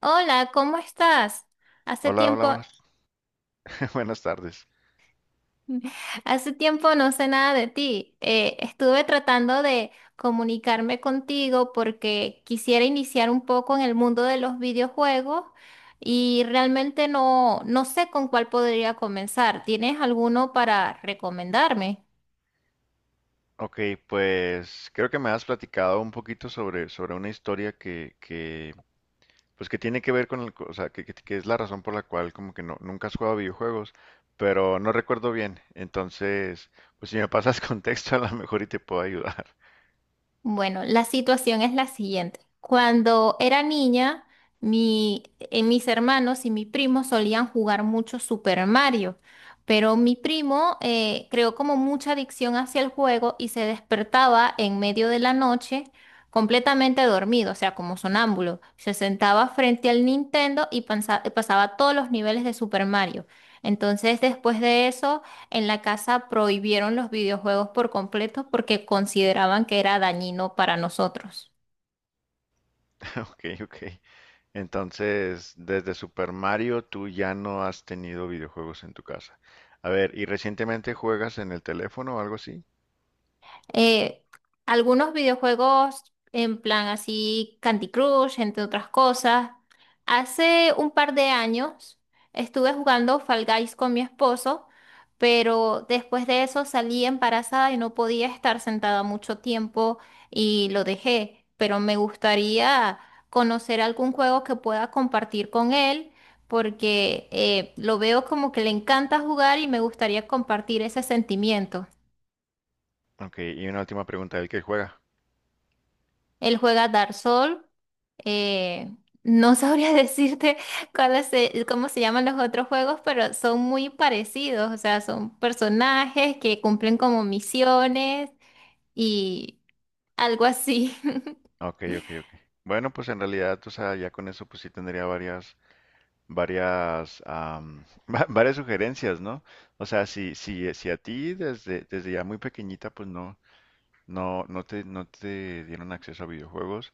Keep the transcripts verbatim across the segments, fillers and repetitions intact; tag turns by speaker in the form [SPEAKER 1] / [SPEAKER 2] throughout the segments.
[SPEAKER 1] Hola, ¿cómo estás? Hace
[SPEAKER 2] Hola, hola,
[SPEAKER 1] tiempo,
[SPEAKER 2] buenas, buenas tardes.
[SPEAKER 1] hace tiempo no sé nada de ti. Eh, estuve tratando de comunicarme contigo porque quisiera iniciar un poco en el mundo de los videojuegos y realmente no, no sé con cuál podría comenzar. ¿Tienes alguno para recomendarme?
[SPEAKER 2] Ok, pues creo que me has platicado un poquito sobre, sobre una historia que, que, pues que tiene que ver con el, co- o sea, que, que- que es la razón por la cual como que no, nunca has jugado videojuegos, pero no recuerdo bien. Entonces, pues si me pasas contexto a lo mejor y te puedo ayudar.
[SPEAKER 1] Bueno, la situación es la siguiente. Cuando era niña, mi, eh, mis hermanos y mi primo solían jugar mucho Super Mario, pero mi primo eh, creó como mucha adicción hacia el juego y se despertaba en medio de la noche completamente dormido, o sea, como sonámbulo. Se sentaba frente al Nintendo y pansa- pasaba todos los niveles de Super Mario. Entonces, después de eso, en la casa prohibieron los videojuegos por completo porque consideraban que era dañino para nosotros.
[SPEAKER 2] Ok, ok. Entonces, desde Super Mario tú ya no has tenido videojuegos en tu casa. A ver, ¿y recientemente juegas en el teléfono o algo así?
[SPEAKER 1] eh, Algunos videojuegos en plan así Candy Crush, entre otras cosas. Hace un par de años estuve jugando Fall Guys con mi esposo, pero después de eso salí embarazada y no podía estar sentada mucho tiempo y lo dejé. Pero me gustaría conocer algún juego que pueda compartir con él, porque eh, lo veo como que le encanta jugar y me gustaría compartir ese sentimiento.
[SPEAKER 2] Ok, y una última pregunta, ¿el que juega?
[SPEAKER 1] Él juega Dark Souls. Eh, no sabría decirte cuáles se- cómo se llaman los otros juegos, pero son muy parecidos, o sea, son personajes que cumplen como misiones y algo así.
[SPEAKER 2] Ok, ok, ok. Bueno, pues en realidad, o sea, ya con eso pues sí tendría varias, varias, am, va- varias sugerencias, ¿no? O sea, si, si, si a ti desde, desde ya muy pequeñita pues no, no, no te, no te dieron acceso a videojuegos,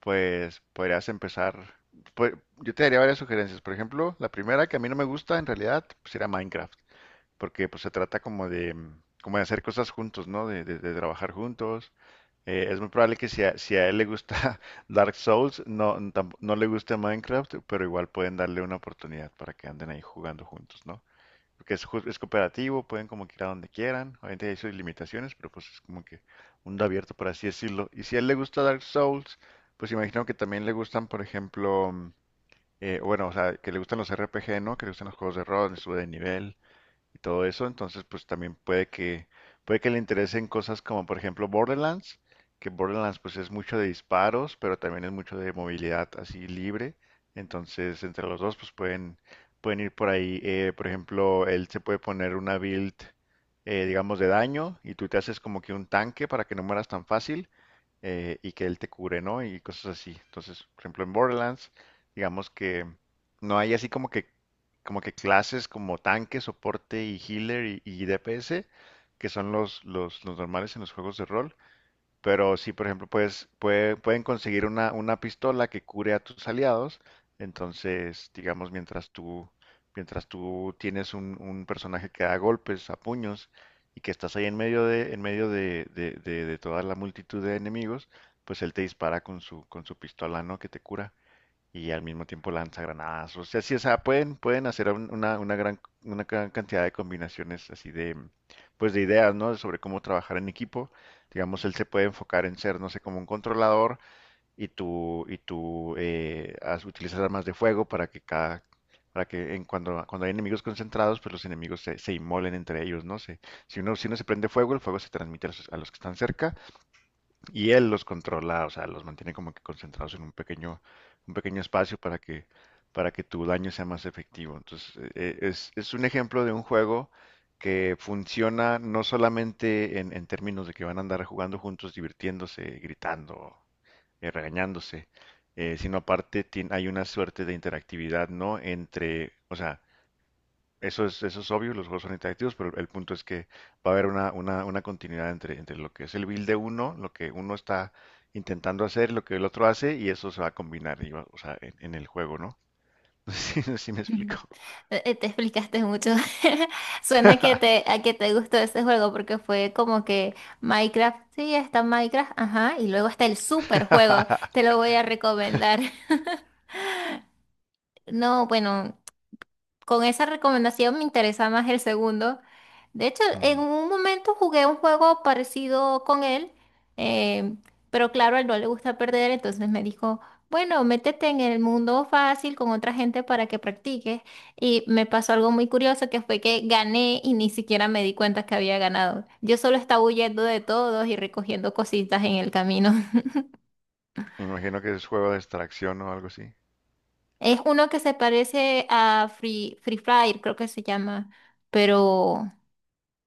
[SPEAKER 2] pues podrías empezar, pues yo te daría varias sugerencias. Por ejemplo, la primera que a mí no me gusta en realidad pues era Minecraft porque pues se trata como de, mm, como de hacer cosas juntos, ¿no? De, de- de trabajar juntos. Eh, es muy probable que si a, si a él le gusta Dark Souls, no, tamp- no le guste Minecraft, pero igual pueden darle una oportunidad para que anden ahí jugando juntos, ¿no? Porque es, ju- es cooperativo, pueden como que ir a donde quieran, obviamente hay sus limitaciones, pero pues es como que mundo abierto, por así decirlo. Y si a él le gusta Dark Souls, pues imagino que también le gustan, por ejemplo, mm, eh, bueno, o sea, que le gustan los R P G, ¿no? Que le gustan los juegos de rol, de sube de nivel y todo eso. Entonces, pues también puede que, puede que le interesen cosas como, por ejemplo, Borderlands, que Borderlands pues es mucho de disparos, pero también es mucho de movilidad así libre. Entonces, entre los dos pues pueden, pueden ir por ahí. Eh, por ejemplo, él se puede poner una build, eh, digamos, de daño y tú te haces como que un tanque para que no mueras tan fácil eh, y que él te cure, ¿no? Y cosas así. Entonces, por ejemplo, en Borderlands, digamos que no hay así como que, como que clases como tanque, soporte y healer y, y D P S, que son los, los, los normales en los juegos de rol, pero si, por ejemplo, puedes, puede- pueden conseguir una, una pistola que cure a tus aliados, entonces, digamos, mientras tú, mientras tú tienes un, un personaje que da golpes a puños y que estás ahí en medio de, en medio de, de, de- de toda la multitud de enemigos, pues él te dispara con su, con su pistola, ¿no? Que te cura y al mismo tiempo lanza granadas. O sea, sí, o sea, pueden, pueden hacer un- una, una gran, una gran cantidad de combinaciones así de, pues de ideas, ¿no? Sobre cómo trabajar en equipo. Digamos, él se puede enfocar en ser, no sé, como un controlador y tú, y tú eh, haz- utilizas armas de fuego para que cada, para que en cuando, cuando hay enemigos concentrados, pues los enemigos se, se inmolen entre ellos, ¿no? Se, si uno, si uno se prende fuego, el fuego se transmite a los, a los que están cerca y él los controla, o sea, los mantiene como que concentrados en un pequeño, un pequeño espacio para que, para que tu daño sea más efectivo. Entonces, e- e- es, es un ejemplo de un juego que funciona no solamente en, en términos de que van a andar jugando juntos, divirtiéndose, gritando, eh, regañándose, eh, sino aparte tien- hay una suerte de interactividad, ¿no? Entre, o sea, eso es, eso es obvio, los juegos son interactivos, pero el punto es que va a haber una, una, una continuidad entre, entre lo que es el build de uno, lo que uno está intentando hacer, lo que el otro hace, y eso se va a combinar, y va- o sea, en, en el juego, ¿no? Sí, sí me
[SPEAKER 1] Ujú.
[SPEAKER 2] explico.
[SPEAKER 1] Eh, Te explicaste mucho. Suena que te, a que te gustó ese juego porque fue como que Minecraft, sí, está Minecraft, ajá, y luego está el super juego, te lo voy a recomendar. No, bueno, con esa recomendación me interesa más el segundo. De hecho, en
[SPEAKER 2] Mm,
[SPEAKER 1] un momento jugué un juego parecido con él, eh, pero claro, a él no le gusta perder, entonces me dijo, bueno, métete en el mundo fácil con otra gente para que practiques. Y me pasó algo muy curioso que fue que gané y ni siquiera me di cuenta que había ganado. Yo solo estaba huyendo de todos y recogiendo cositas en el camino.
[SPEAKER 2] me imagino que es juego de extracción o algo así.
[SPEAKER 1] Es uno que se parece a Free, Free Fire, creo que se llama, pero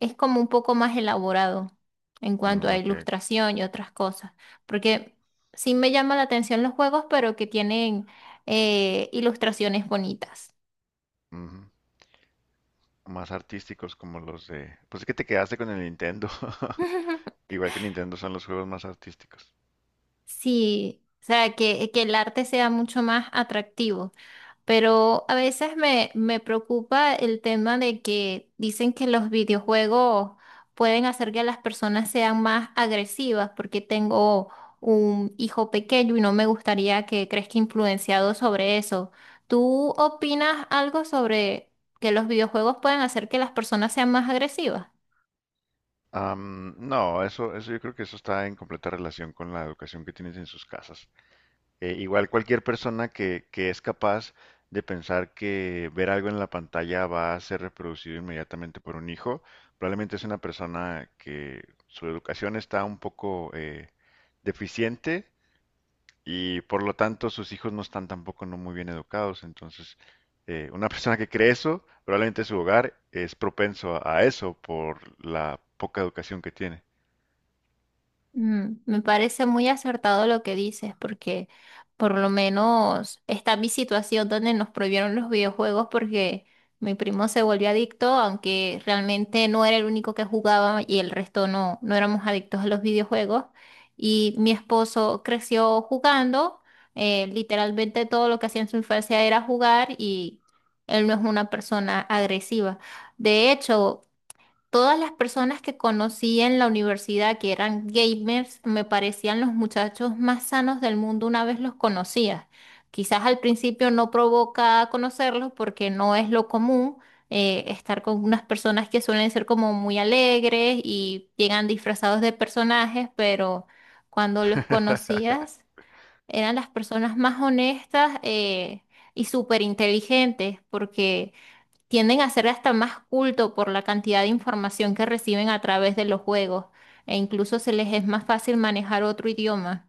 [SPEAKER 1] es como un poco más elaborado en cuanto
[SPEAKER 2] Mm,
[SPEAKER 1] a
[SPEAKER 2] ok, ok,
[SPEAKER 1] ilustración y otras cosas, porque sí me llama la atención los juegos, pero que tienen eh, ilustraciones bonitas.
[SPEAKER 2] ujú. Más artísticos como los de... Pues es que te quedaste con el Nintendo. Igual que Nintendo son los juegos más artísticos.
[SPEAKER 1] Sí, o sea, que, que el arte sea mucho más atractivo. Pero a veces me, me preocupa el tema de que dicen que los videojuegos pueden hacer que las personas sean más agresivas, porque tengo un hijo pequeño y no me gustaría que crezca influenciado sobre eso. ¿Tú opinas algo sobre que los videojuegos pueden hacer que las personas sean más agresivas?
[SPEAKER 2] Am, no, eso, eso yo creo que eso está en completa relación con la educación que tienes en sus casas. Eh, igual cualquier persona que, que es capaz de pensar que ver algo en la pantalla va a ser reproducido inmediatamente por un hijo, probablemente es una persona que su educación está un poco eh, deficiente y por lo tanto sus hijos no están tampoco no muy bien educados. Entonces, eh, una persona que cree eso, probablemente su hogar es propenso a a eso por la poca educación que tiene.
[SPEAKER 1] Mm, me parece muy acertado lo que dices, porque por lo menos está mi situación donde nos prohibieron los videojuegos porque mi primo se volvió adicto, aunque realmente no era el único que jugaba y el resto no, no éramos adictos a los videojuegos. Y mi esposo creció jugando, eh, literalmente todo lo que hacía en su infancia era jugar y él no es una persona agresiva. De hecho, todas las personas que conocí en la universidad que eran gamers me parecían los muchachos más sanos del mundo una vez los conocía. Quizás al principio no provoca conocerlos porque no es lo común, eh, estar con unas personas que suelen ser como muy alegres y llegan disfrazados de personajes, pero cuando los conocías eran las personas más honestas, eh, y súper inteligentes porque tienden a ser hasta más culto por la cantidad de información que reciben a través de los juegos e incluso se les es más fácil manejar otro idioma.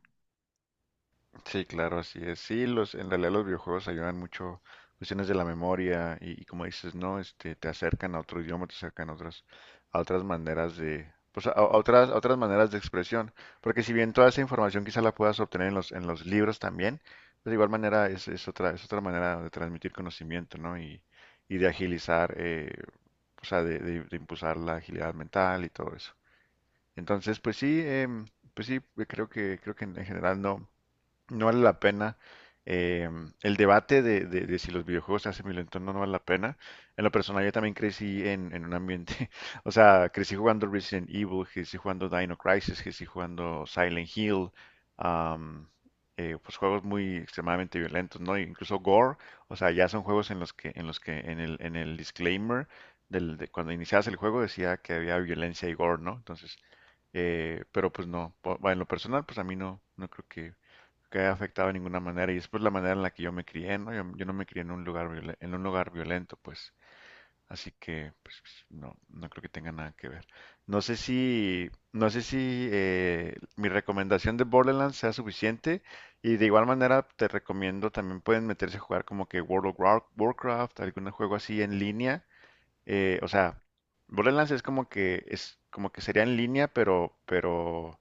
[SPEAKER 2] Sí, claro, así es. Sí, los, en realidad los videojuegos ayudan mucho cuestiones de la memoria y, y como dices, ¿no? Este, te acercan a otro idioma, te acercan a otras, a otras maneras de, pues a, a otras, a otras maneras de expresión. Porque si bien toda esa información quizá la puedas obtener en los, en los libros también, pues de igual manera es, es otra, es otra manera de transmitir conocimiento, ¿no? Y, y de agilizar, eh, o sea, de, de- de impulsar la agilidad mental y todo eso. Entonces, pues sí, em, pues sí, creo que, creo que en en general no. No vale la pena. eh, el debate de, de- de si los videojuegos se hacen violentos o no, no vale la pena. En lo personal, yo también crecí en, en un ambiente, o sea, crecí jugando Resident Evil, crecí jugando Dino Crisis, crecí jugando Silent Hill, am, eh, pues juegos muy extremadamente violentos, ¿no? Incluso Gore, o sea, ya son juegos en los que, en los que en el, en el disclaimer del, de cuando iniciabas el juego decía que había violencia y gore, ¿no? Entonces, eh, pero pues no, po- bueno, en lo personal, pues a mí no, no creo que que haya afectado de ninguna manera. Y es por la manera en la que yo me crié, ¿no? Yo, yo no me crié en un lugar violen- en un lugar violento, pues. Así que, pues, no, no creo que tenga nada que ver. No sé si, no sé si eh, mi recomendación de Borderlands sea suficiente. Y de igual manera te recomiendo también pueden meterse a jugar como que World of War- Warcraft, algún juego así en línea eh, o sea, Borderlands es como que es como que sería en línea, pero pero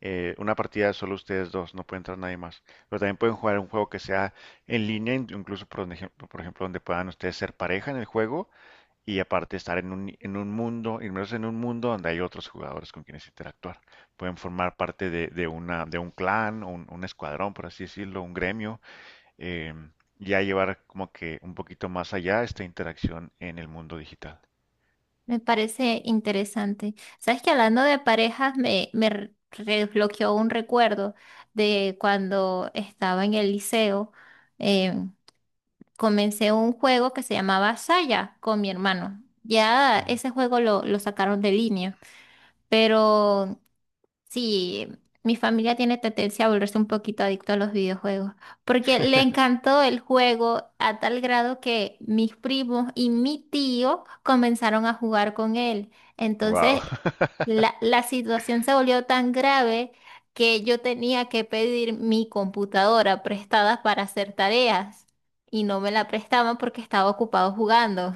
[SPEAKER 2] eh, una partida solo ustedes dos, no puede entrar nadie más. Pero también pueden jugar un juego que sea en línea, in- incluso por, un ejemplo, por ejemplo donde puedan ustedes ser pareja en el juego y aparte estar en un en un mundo, inmersos en un mundo donde hay otros jugadores con quienes interactuar. Pueden formar parte de, de una de un clan, un, un escuadrón, por así decirlo, un gremio. em, ya llevar como que un poquito más allá esta interacción en el mundo digital.
[SPEAKER 1] Me parece interesante. Sabes que hablando de parejas me, me re- desbloqueó un recuerdo de cuando estaba en el liceo. eh, Comencé un juego que se llamaba Saya con mi hermano. Ya ese juego lo, lo sacaron de línea, pero sí, mi familia tiene tendencia a volverse un poquito adicto a los videojuegos, porque le encantó el juego a tal grado que mis primos y mi tío comenzaron a jugar con él.
[SPEAKER 2] Wow.
[SPEAKER 1] Entonces, la, la situación se volvió tan grave que yo tenía que pedir mi computadora prestada para hacer tareas y no me la prestaban porque estaba ocupado jugando.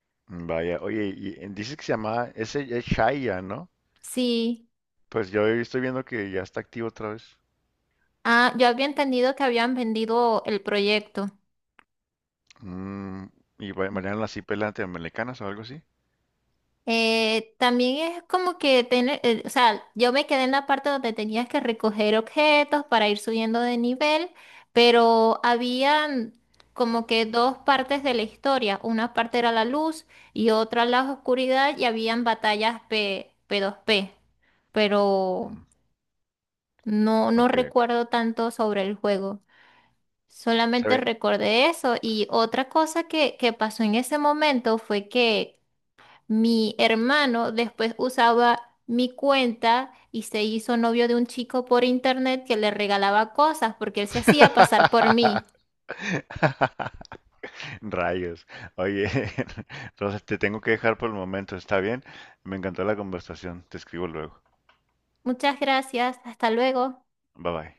[SPEAKER 2] Vaya, oye, y eh, dices que se llama, ese es Shaya, ¿no?
[SPEAKER 1] Sí,
[SPEAKER 2] Pues yo estoy viendo que ya está activo otra vez.
[SPEAKER 1] ah, yo había entendido que habían vendido el proyecto.
[SPEAKER 2] Mm, y va- bailaron así pelante americanas o algo así.
[SPEAKER 1] Eh, también es como que tener, eh, o sea, yo me quedé en la parte donde tenías que recoger objetos para ir subiendo de nivel, pero habían como que dos partes de la historia. Una parte era la luz y otra la oscuridad y habían batallas P, P2P, pero
[SPEAKER 2] Mm,
[SPEAKER 1] no, no
[SPEAKER 2] ok, ok.
[SPEAKER 1] recuerdo tanto sobre el juego.
[SPEAKER 2] Se
[SPEAKER 1] Solamente
[SPEAKER 2] ve.
[SPEAKER 1] recordé eso y otra cosa que, que pasó en ese momento fue que mi hermano después usaba mi cuenta y se hizo novio de un chico por internet que le regalaba cosas porque él se hacía pasar por mí.
[SPEAKER 2] Rayos. Oye, entonces te tengo que dejar por el momento, ¿está bien? Me encantó la conversación. Te escribo luego.
[SPEAKER 1] Muchas gracias, hasta luego.
[SPEAKER 2] Bye bye.